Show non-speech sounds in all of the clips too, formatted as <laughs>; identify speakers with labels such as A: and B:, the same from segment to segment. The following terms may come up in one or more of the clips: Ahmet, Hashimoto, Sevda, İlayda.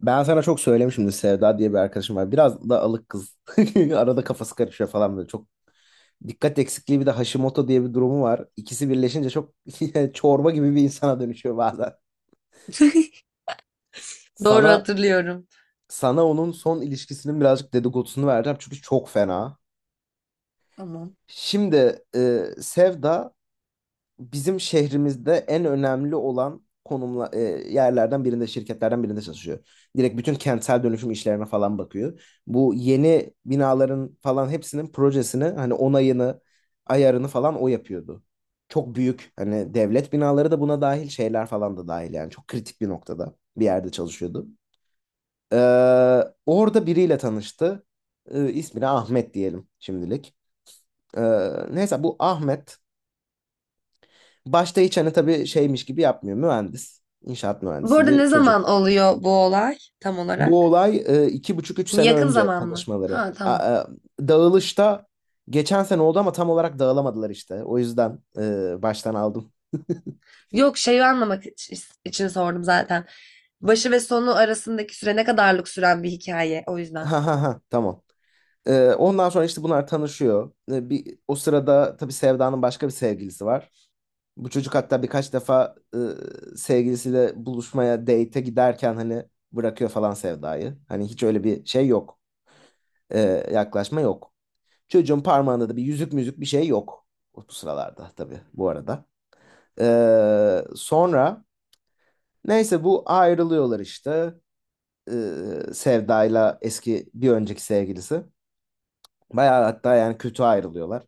A: Ben sana çok söylemişimdir Sevda diye bir arkadaşım var. Biraz da alık kız. <laughs> Arada kafası karışıyor falan böyle. Çok dikkat eksikliği bir de Hashimoto diye bir durumu var. İkisi birleşince çok <laughs> çorba gibi bir insana dönüşüyor bazen.
B: <laughs> Doğru
A: Sana
B: hatırlıyorum.
A: sana onun son ilişkisinin birazcık dedikodusunu vereceğim çünkü çok fena.
B: Tamam.
A: Şimdi Sevda bizim şehrimizde en önemli olan konumla yerlerden birinde, şirketlerden birinde çalışıyor. Direkt bütün kentsel dönüşüm işlerine falan bakıyor. Bu yeni binaların falan hepsinin projesini hani onayını, ayarını falan o yapıyordu. Çok büyük hani devlet binaları da buna dahil şeyler falan da dahil yani çok kritik bir noktada bir yerde çalışıyordu. Ee, orada biriyle tanıştı. İsmini Ahmet diyelim şimdilik. Ee, neyse bu Ahmet başta hiç hani tabii şeymiş gibi yapmıyor. Mühendis, inşaat
B: Bu
A: mühendisi
B: arada ne
A: bir
B: zaman
A: çocuk.
B: oluyor bu olay tam
A: Bu
B: olarak?
A: olay iki buçuk üç
B: Hani
A: sene
B: yakın
A: önce
B: zaman mı?
A: tanışmaları.
B: Ha, tamam.
A: Dağılışta geçen sene oldu ama tam olarak dağılamadılar işte. O yüzden baştan aldım. <laughs>
B: Yok, şeyi anlamak için sordum zaten. Başı ve sonu arasındaki süre ne kadarlık süren bir hikaye, o yüzden.
A: Ha ha ha, tamam. Ondan sonra işte bunlar tanışıyor. O sırada tabii Sevda'nın başka bir sevgilisi var. Bu çocuk hatta birkaç defa sevgilisiyle buluşmaya, date'e giderken hani bırakıyor falan Sevda'yı. Hani hiç öyle bir şey yok. E, yaklaşma yok. Çocuğun parmağında da bir yüzük müzük bir şey yok. O bu sıralarda tabii bu arada. Sonra neyse bu ayrılıyorlar işte. Sevda'yla eski bir önceki sevgilisi. Bayağı hatta yani kötü ayrılıyorlar.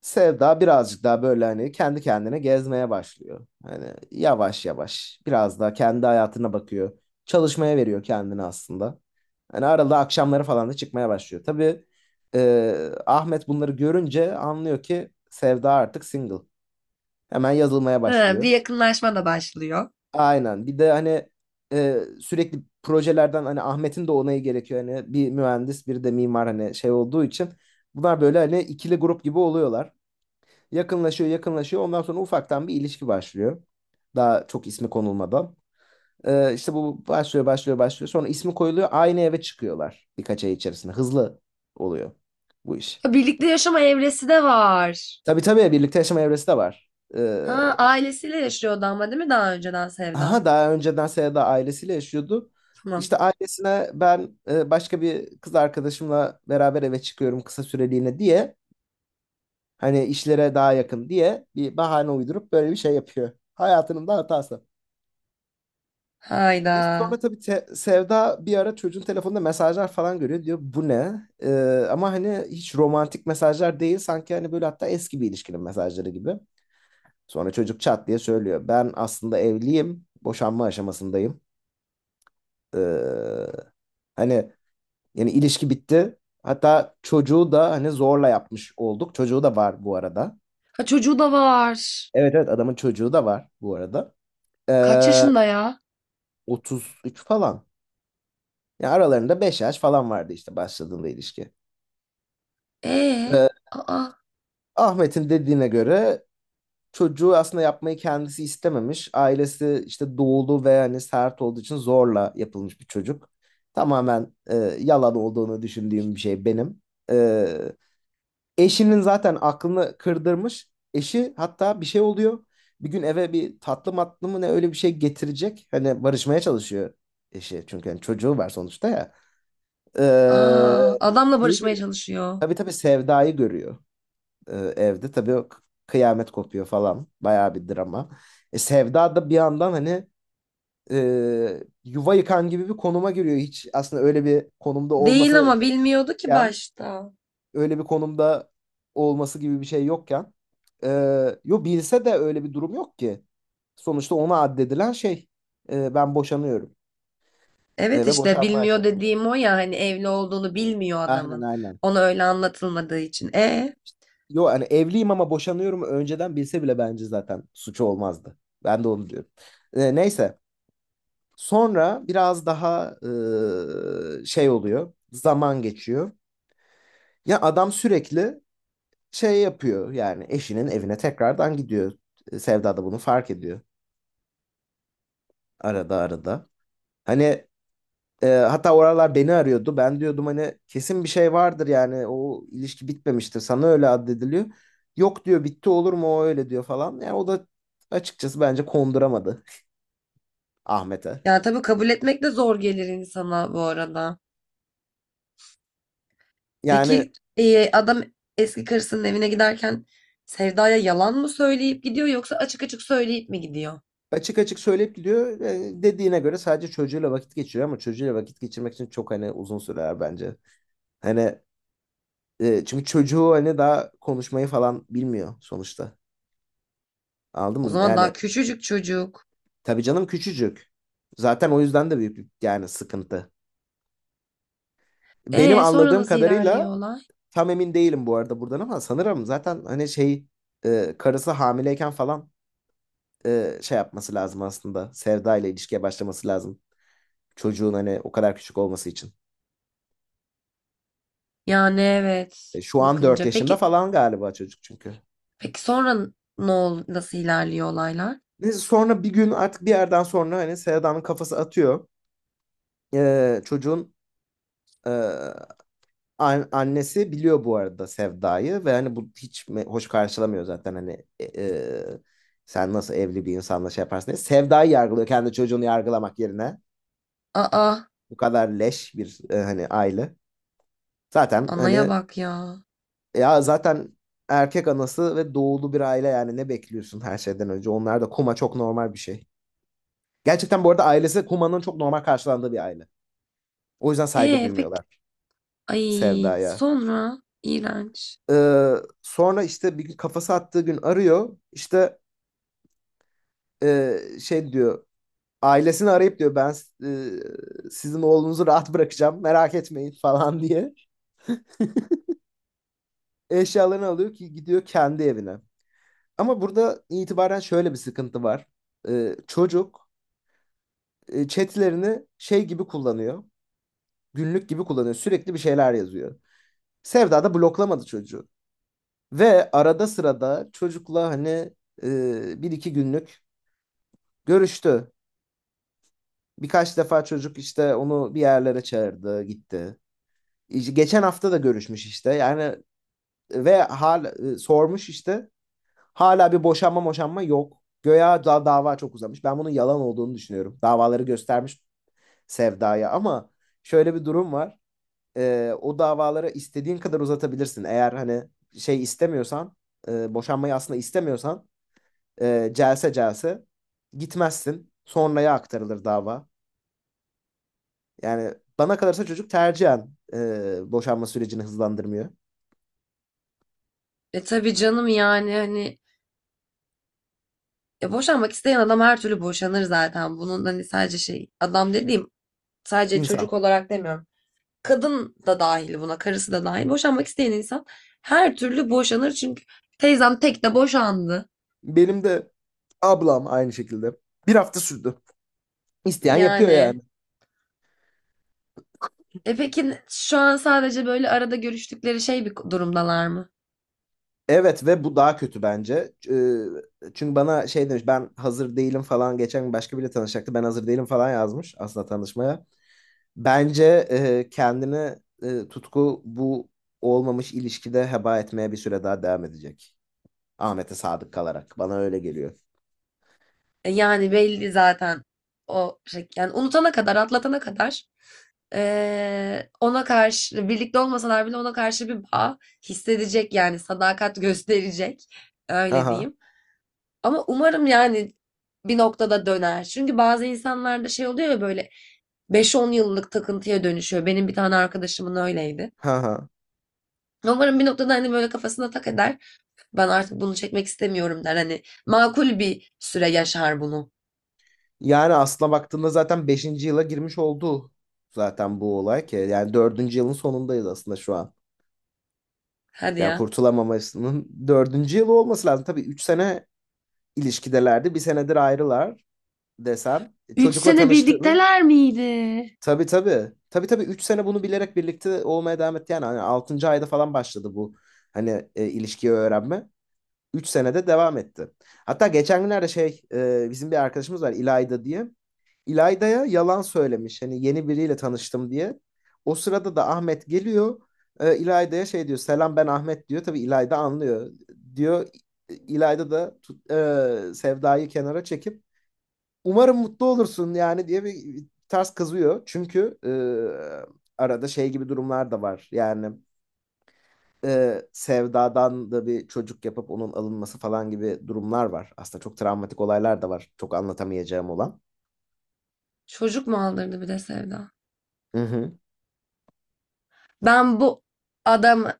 A: Sevda birazcık daha böyle hani kendi kendine gezmeye başlıyor. Hani yavaş yavaş biraz daha kendi hayatına bakıyor. Çalışmaya veriyor kendini aslında. Hani arada akşamları falan da çıkmaya başlıyor. Tabii Ahmet bunları görünce anlıyor ki Sevda artık single. Hemen yazılmaya
B: Ha, bir
A: başlıyor.
B: yakınlaşma da başlıyor.
A: Aynen. Bir de hani sürekli projelerden hani Ahmet'in de onayı gerekiyor. Hani bir mühendis, bir de mimar hani şey olduğu için bunlar böyle hani ikili grup gibi oluyorlar. Yakınlaşıyor, yakınlaşıyor. Ondan sonra ufaktan bir ilişki başlıyor. Daha çok ismi konulmadan. İşte bu başlıyor, başlıyor, başlıyor. Sonra ismi koyuluyor. Aynı eve çıkıyorlar birkaç ay içerisinde. Hızlı oluyor bu iş.
B: Ha, birlikte yaşama evresi de var.
A: Tabii tabii, birlikte yaşama evresi de var. Ee,
B: Ha, ailesiyle yaşıyordu ama değil mi daha önceden
A: aha,
B: Sevda?
A: daha önceden Seda ailesiyle yaşıyordu.
B: Tamam.
A: İşte ailesine ben başka bir kız arkadaşımla beraber eve çıkıyorum kısa süreliğine diye. Hani işlere daha yakın diye bir bahane uydurup böyle bir şey yapıyor. Hayatının da hatası.
B: Hayda.
A: Neyse, sonra tabii Sevda bir ara çocuğun telefonunda mesajlar falan görüyor. Diyor bu ne? Ama hani hiç romantik mesajlar değil. Sanki hani böyle hatta eski bir ilişkinin mesajları gibi. Sonra çocuk çat diye söylüyor. Ben aslında evliyim. Boşanma aşamasındayım. Ee, hani yani ilişki bitti. Hatta çocuğu da hani zorla yapmış olduk. Çocuğu da var bu arada.
B: Ha, çocuğu da var.
A: Evet evet, adamın çocuğu da var bu arada.
B: Kaç
A: Ee,
B: yaşında ya?
A: 33 falan. Yani aralarında 5 yaş falan vardı işte başladığında ilişki.
B: Ee,
A: Ee,
B: aa,
A: Ahmet'in dediğine göre çocuğu aslında yapmayı kendisi istememiş. Ailesi işte doğulu ve hani sert olduğu için zorla yapılmış bir çocuk. Tamamen yalan olduğunu düşündüğüm bir şey benim. E, eşinin zaten aklını kırdırmış. Eşi hatta bir şey oluyor. Bir gün eve bir tatlı matlı mı ne öyle bir şey getirecek. Hani barışmaya çalışıyor eşi. Çünkü hani çocuğu var sonuçta ya. E,
B: aa, adamla
A: şeyi
B: barışmaya
A: görüyor.
B: çalışıyor.
A: Tabii tabii, Sevda'yı görüyor evde. Tabii o kıyamet kopuyor falan. Bayağı bir drama. Sevda da bir yandan hani yuva yıkan gibi bir konuma giriyor. Hiç aslında öyle bir konumda
B: Değil
A: olması
B: ama bilmiyordu ki
A: gerekirken,
B: başta.
A: öyle bir konumda olması gibi bir şey yokken. E, yo, bilse de öyle bir durum yok ki. Sonuçta ona addedilen şey "e, ben boşanıyorum "E,
B: Evet,
A: ve
B: işte
A: boşanma
B: bilmiyor
A: aşamasında.
B: dediğim o ya, hani evli olduğunu bilmiyor
A: Aynen
B: adamın.
A: aynen.
B: Ona öyle anlatılmadığı için. E
A: yo hani evliyim ama boşanıyorum önceden bilse bile bence zaten suçu olmazdı. Ben de". Onu diyorum. E, neyse. Sonra biraz daha e, şey oluyor. Zaman geçiyor. Ya adam sürekli şey yapıyor. Yani eşinin evine tekrardan gidiyor. E, Sevda da bunu fark ediyor. Arada arada. Hani e, hatta oralar beni arıyordu. Ben diyordum hani kesin bir şey vardır yani. O ilişki bitmemiştir. Sana öyle addediliyor. Yok diyor bitti olur mu o öyle diyor falan. Yani o da açıkçası bence konduramadı <laughs> Ahmet'e.
B: ya, tabii kabul etmek de zor gelir insana, bu arada.
A: Yani
B: Peki, adam eski karısının evine giderken Sevda'ya yalan mı söyleyip gidiyor, yoksa açık açık söyleyip mi gidiyor?
A: Açık açık söyleyip gidiyor. E, dediğine göre sadece çocuğuyla vakit geçiriyor ama çocuğuyla vakit geçirmek için çok hani uzun sürer bence. Hani e, çünkü çocuğu hani daha konuşmayı falan bilmiyor sonuçta. Anladın
B: O
A: mı?
B: zaman daha
A: Yani
B: küçücük çocuk.
A: tabii canım küçücük. Zaten o yüzden de büyük bir yani sıkıntı. Benim
B: E sonra
A: anladığım
B: nasıl ilerliyor
A: kadarıyla
B: olay?
A: tam emin değilim bu arada buradan ama sanırım zaten hani şey e, karısı hamileyken falan e, şey yapması lazım aslında. Sevda ile ilişkiye başlaması lazım. Çocuğun hani o kadar küçük olması için.
B: Yani evet,
A: E, Şu an 4
B: bakınca
A: yaşında
B: peki,
A: falan galiba çocuk çünkü.
B: peki sonra ne ol nasıl ilerliyor olaylar?
A: Neyse sonra bir gün artık bir yerden sonra hani Sevda'nın kafası atıyor. E, çocuğun e, an- annesi biliyor bu arada Sevda'yı ve hani bu hiç me hoş karşılamıyor zaten hani e, e, sen nasıl evli bir insanla şey yaparsın diye. Sevda'yı yargılıyor kendi çocuğunu yargılamak yerine.
B: Aa.
A: Bu kadar leş bir e, hani aile. Zaten
B: Anaya
A: hani
B: bak ya.
A: ya zaten erkek anası ve doğulu bir aile yani ne bekliyorsun her şeyden önce? Onlar da kuma çok normal bir şey. Gerçekten bu arada ailesi Huma'nın çok normal karşılandığı bir aile. O yüzden saygı
B: E peki,
A: duymuyorlar
B: ay
A: Sevda'ya.
B: sonra iğrenç.
A: Ee, sonra işte bir gün kafası attığı gün arıyor. İşte e, şey diyor. Ailesini arayıp diyor ben e, sizin oğlunuzu rahat bırakacağım merak etmeyin <laughs> falan diye. Eşyalarını alıyor ki gidiyor kendi evine. Ama burada itibaren şöyle bir sıkıntı var. Çocuk e, chatlerini şey gibi kullanıyor. Günlük gibi kullanıyor. Sürekli bir şeyler yazıyor. Sevda da bloklamadı çocuğu. Ve arada sırada çocukla hani e, bir iki günlük görüştü. Birkaç defa çocuk işte onu bir yerlere çağırdı, gitti. İşte Geçen hafta da görüşmüş işte. Yani ve hal e, sormuş işte. Hala bir boşanma boşanma yok. Göya da dava çok uzamış. Ben bunun yalan olduğunu düşünüyorum. Davaları göstermiş Sevda'ya ama şöyle bir durum var. E, o davaları istediğin kadar uzatabilirsin. Eğer hani şey istemiyorsan, e, boşanmayı aslında istemiyorsan e, celse celse gitmezsin. Sonraya aktarılır dava. Yani bana kalırsa çocuk tercihen e, boşanma sürecini hızlandırmıyor.
B: E tabii canım, yani hani boşanmak isteyen adam her türlü boşanır zaten. Bunun hani sadece şey, adam dediğim sadece
A: İnsan.
B: çocuk olarak demiyorum. Kadın da dahil buna, karısı da dahil. Boşanmak isteyen insan her türlü boşanır, çünkü teyzem tek de boşandı.
A: Benim de ablam aynı şekilde. 1 hafta sürdü. İsteyen yapıyor
B: Yani
A: yani.
B: peki, şu an sadece böyle arada görüştükleri şey bir durumdalar mı?
A: Evet ve bu daha kötü bence. Çünkü bana şey demiş ben hazır değilim falan geçen gün başka biriyle tanışacaktı. Ben hazır değilim falan yazmış aslında tanışmaya. Bence e, kendini e, Tutku bu olmamış ilişkide heba etmeye bir süre daha devam edecek. Ahmet'e sadık kalarak. Bana öyle geliyor.
B: Yani belli zaten o şey. Yani unutana kadar, atlatana kadar ona karşı, birlikte olmasalar bile, ona karşı bir bağ hissedecek, yani sadakat <laughs> gösterecek.
A: Ha
B: Öyle
A: ha.
B: diyeyim. Ama umarım yani bir noktada döner. Çünkü bazı insanlarda şey oluyor ya, böyle beş on yıllık takıntıya dönüşüyor. Benim bir tane arkadaşımın öyleydi.
A: Ha ha.
B: Umarım bir noktada hani böyle kafasına tak eder. Ben artık bunu çekmek istemiyorum, der. Hani makul bir süre yaşar bunu.
A: Yani aslına baktığında zaten 5. yıla girmiş oldu zaten bu olay ki. Yani 4. yılın sonundayız aslında şu an.
B: Hadi
A: Yani
B: ya.
A: kurtulamamasının 4. yılı olması lazım. Tabii 3 sene ilişkidelerdi. 1 senedir ayrılar desen. E,
B: Üç
A: Çocukla
B: sene
A: tanıştığını.
B: birlikteler miydi?
A: Tabii tabii. Tabii tabii 3 sene bunu bilerek birlikte olmaya devam etti. Yani hani 6. ayda falan başladı bu. Hani e, ilişkiyi öğrenme. 3 senede devam etti. Hatta geçen günlerde şey e, bizim bir arkadaşımız var İlayda diye. İlayda'ya yalan söylemiş. Hani yeni biriyle tanıştım diye. O sırada da Ahmet geliyor. E, İlayda'ya şey diyor. Selam ben Ahmet diyor. Tabii İlayda anlıyor. Diyor İlayda da tut- e, Sevda'yı kenara çekip umarım mutlu olursun yani diye bir ters kızıyor. Çünkü e, arada şey gibi durumlar da var. Yani e, Sevda'dan da bir çocuk yapıp onun alınması falan gibi durumlar var. Aslında çok travmatik olaylar da var. Çok anlatamayacağım olan.
B: Çocuk mu aldırdı bir de Sevda?
A: Hı hı.
B: Ben bu adam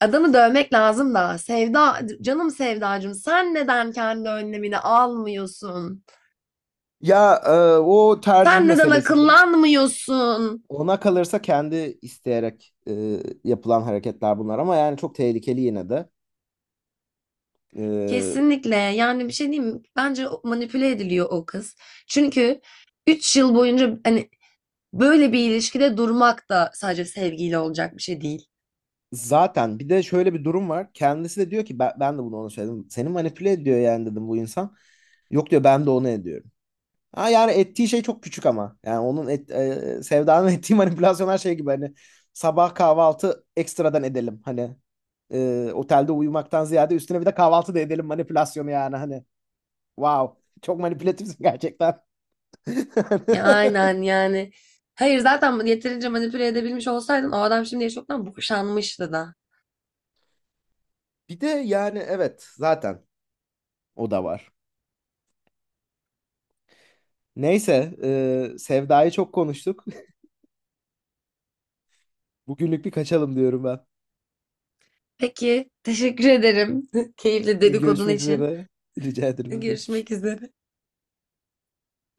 B: adamı dövmek lazım da. Sevda, canım Sevdacığım, sen neden kendi önlemini almıyorsun?
A: Ya e, o tercih
B: Sen neden
A: meselesidir.
B: akıllanmıyorsun?
A: Ona kalırsa kendi isteyerek e, yapılan hareketler bunlar ama yani çok tehlikeli yine de. E,
B: Kesinlikle. Yani bir şey diyeyim mi? Bence manipüle ediliyor o kız. Çünkü 3 yıl boyunca hani böyle bir ilişkide durmak da sadece sevgiyle olacak bir şey değil.
A: zaten bir de şöyle bir durum var. Kendisi de diyor ki ben, ben de bunu ona söyledim. Seni manipüle ediyor yani dedim bu insan. Yok diyor ben de onu ediyorum. Ha yani ettiği şey çok küçük ama. Yani onun et, e, Sevda'nın <laughs> ettiği manipülasyonlar şey gibi hani sabah kahvaltı ekstradan edelim. Hani e, otelde uyumaktan ziyade üstüne bir de kahvaltı da edelim manipülasyonu yani hani. Wow. Çok manipülatifsin gerçekten.
B: Ya
A: <laughs>
B: aynen yani. Hayır, zaten yeterince manipüle edebilmiş olsaydın, o adam şimdiye çoktan boşanmıştı da.
A: Bir de yani evet zaten o da var. Neyse e, Sevda'yı çok konuştuk. <laughs> Bugünlük bir kaçalım diyorum ben.
B: Peki, teşekkür ederim. <laughs> Keyifli
A: <laughs>
B: dedikodun
A: Görüşmek
B: için.
A: üzere. Rica ederim. Ne demek.
B: Görüşmek üzere.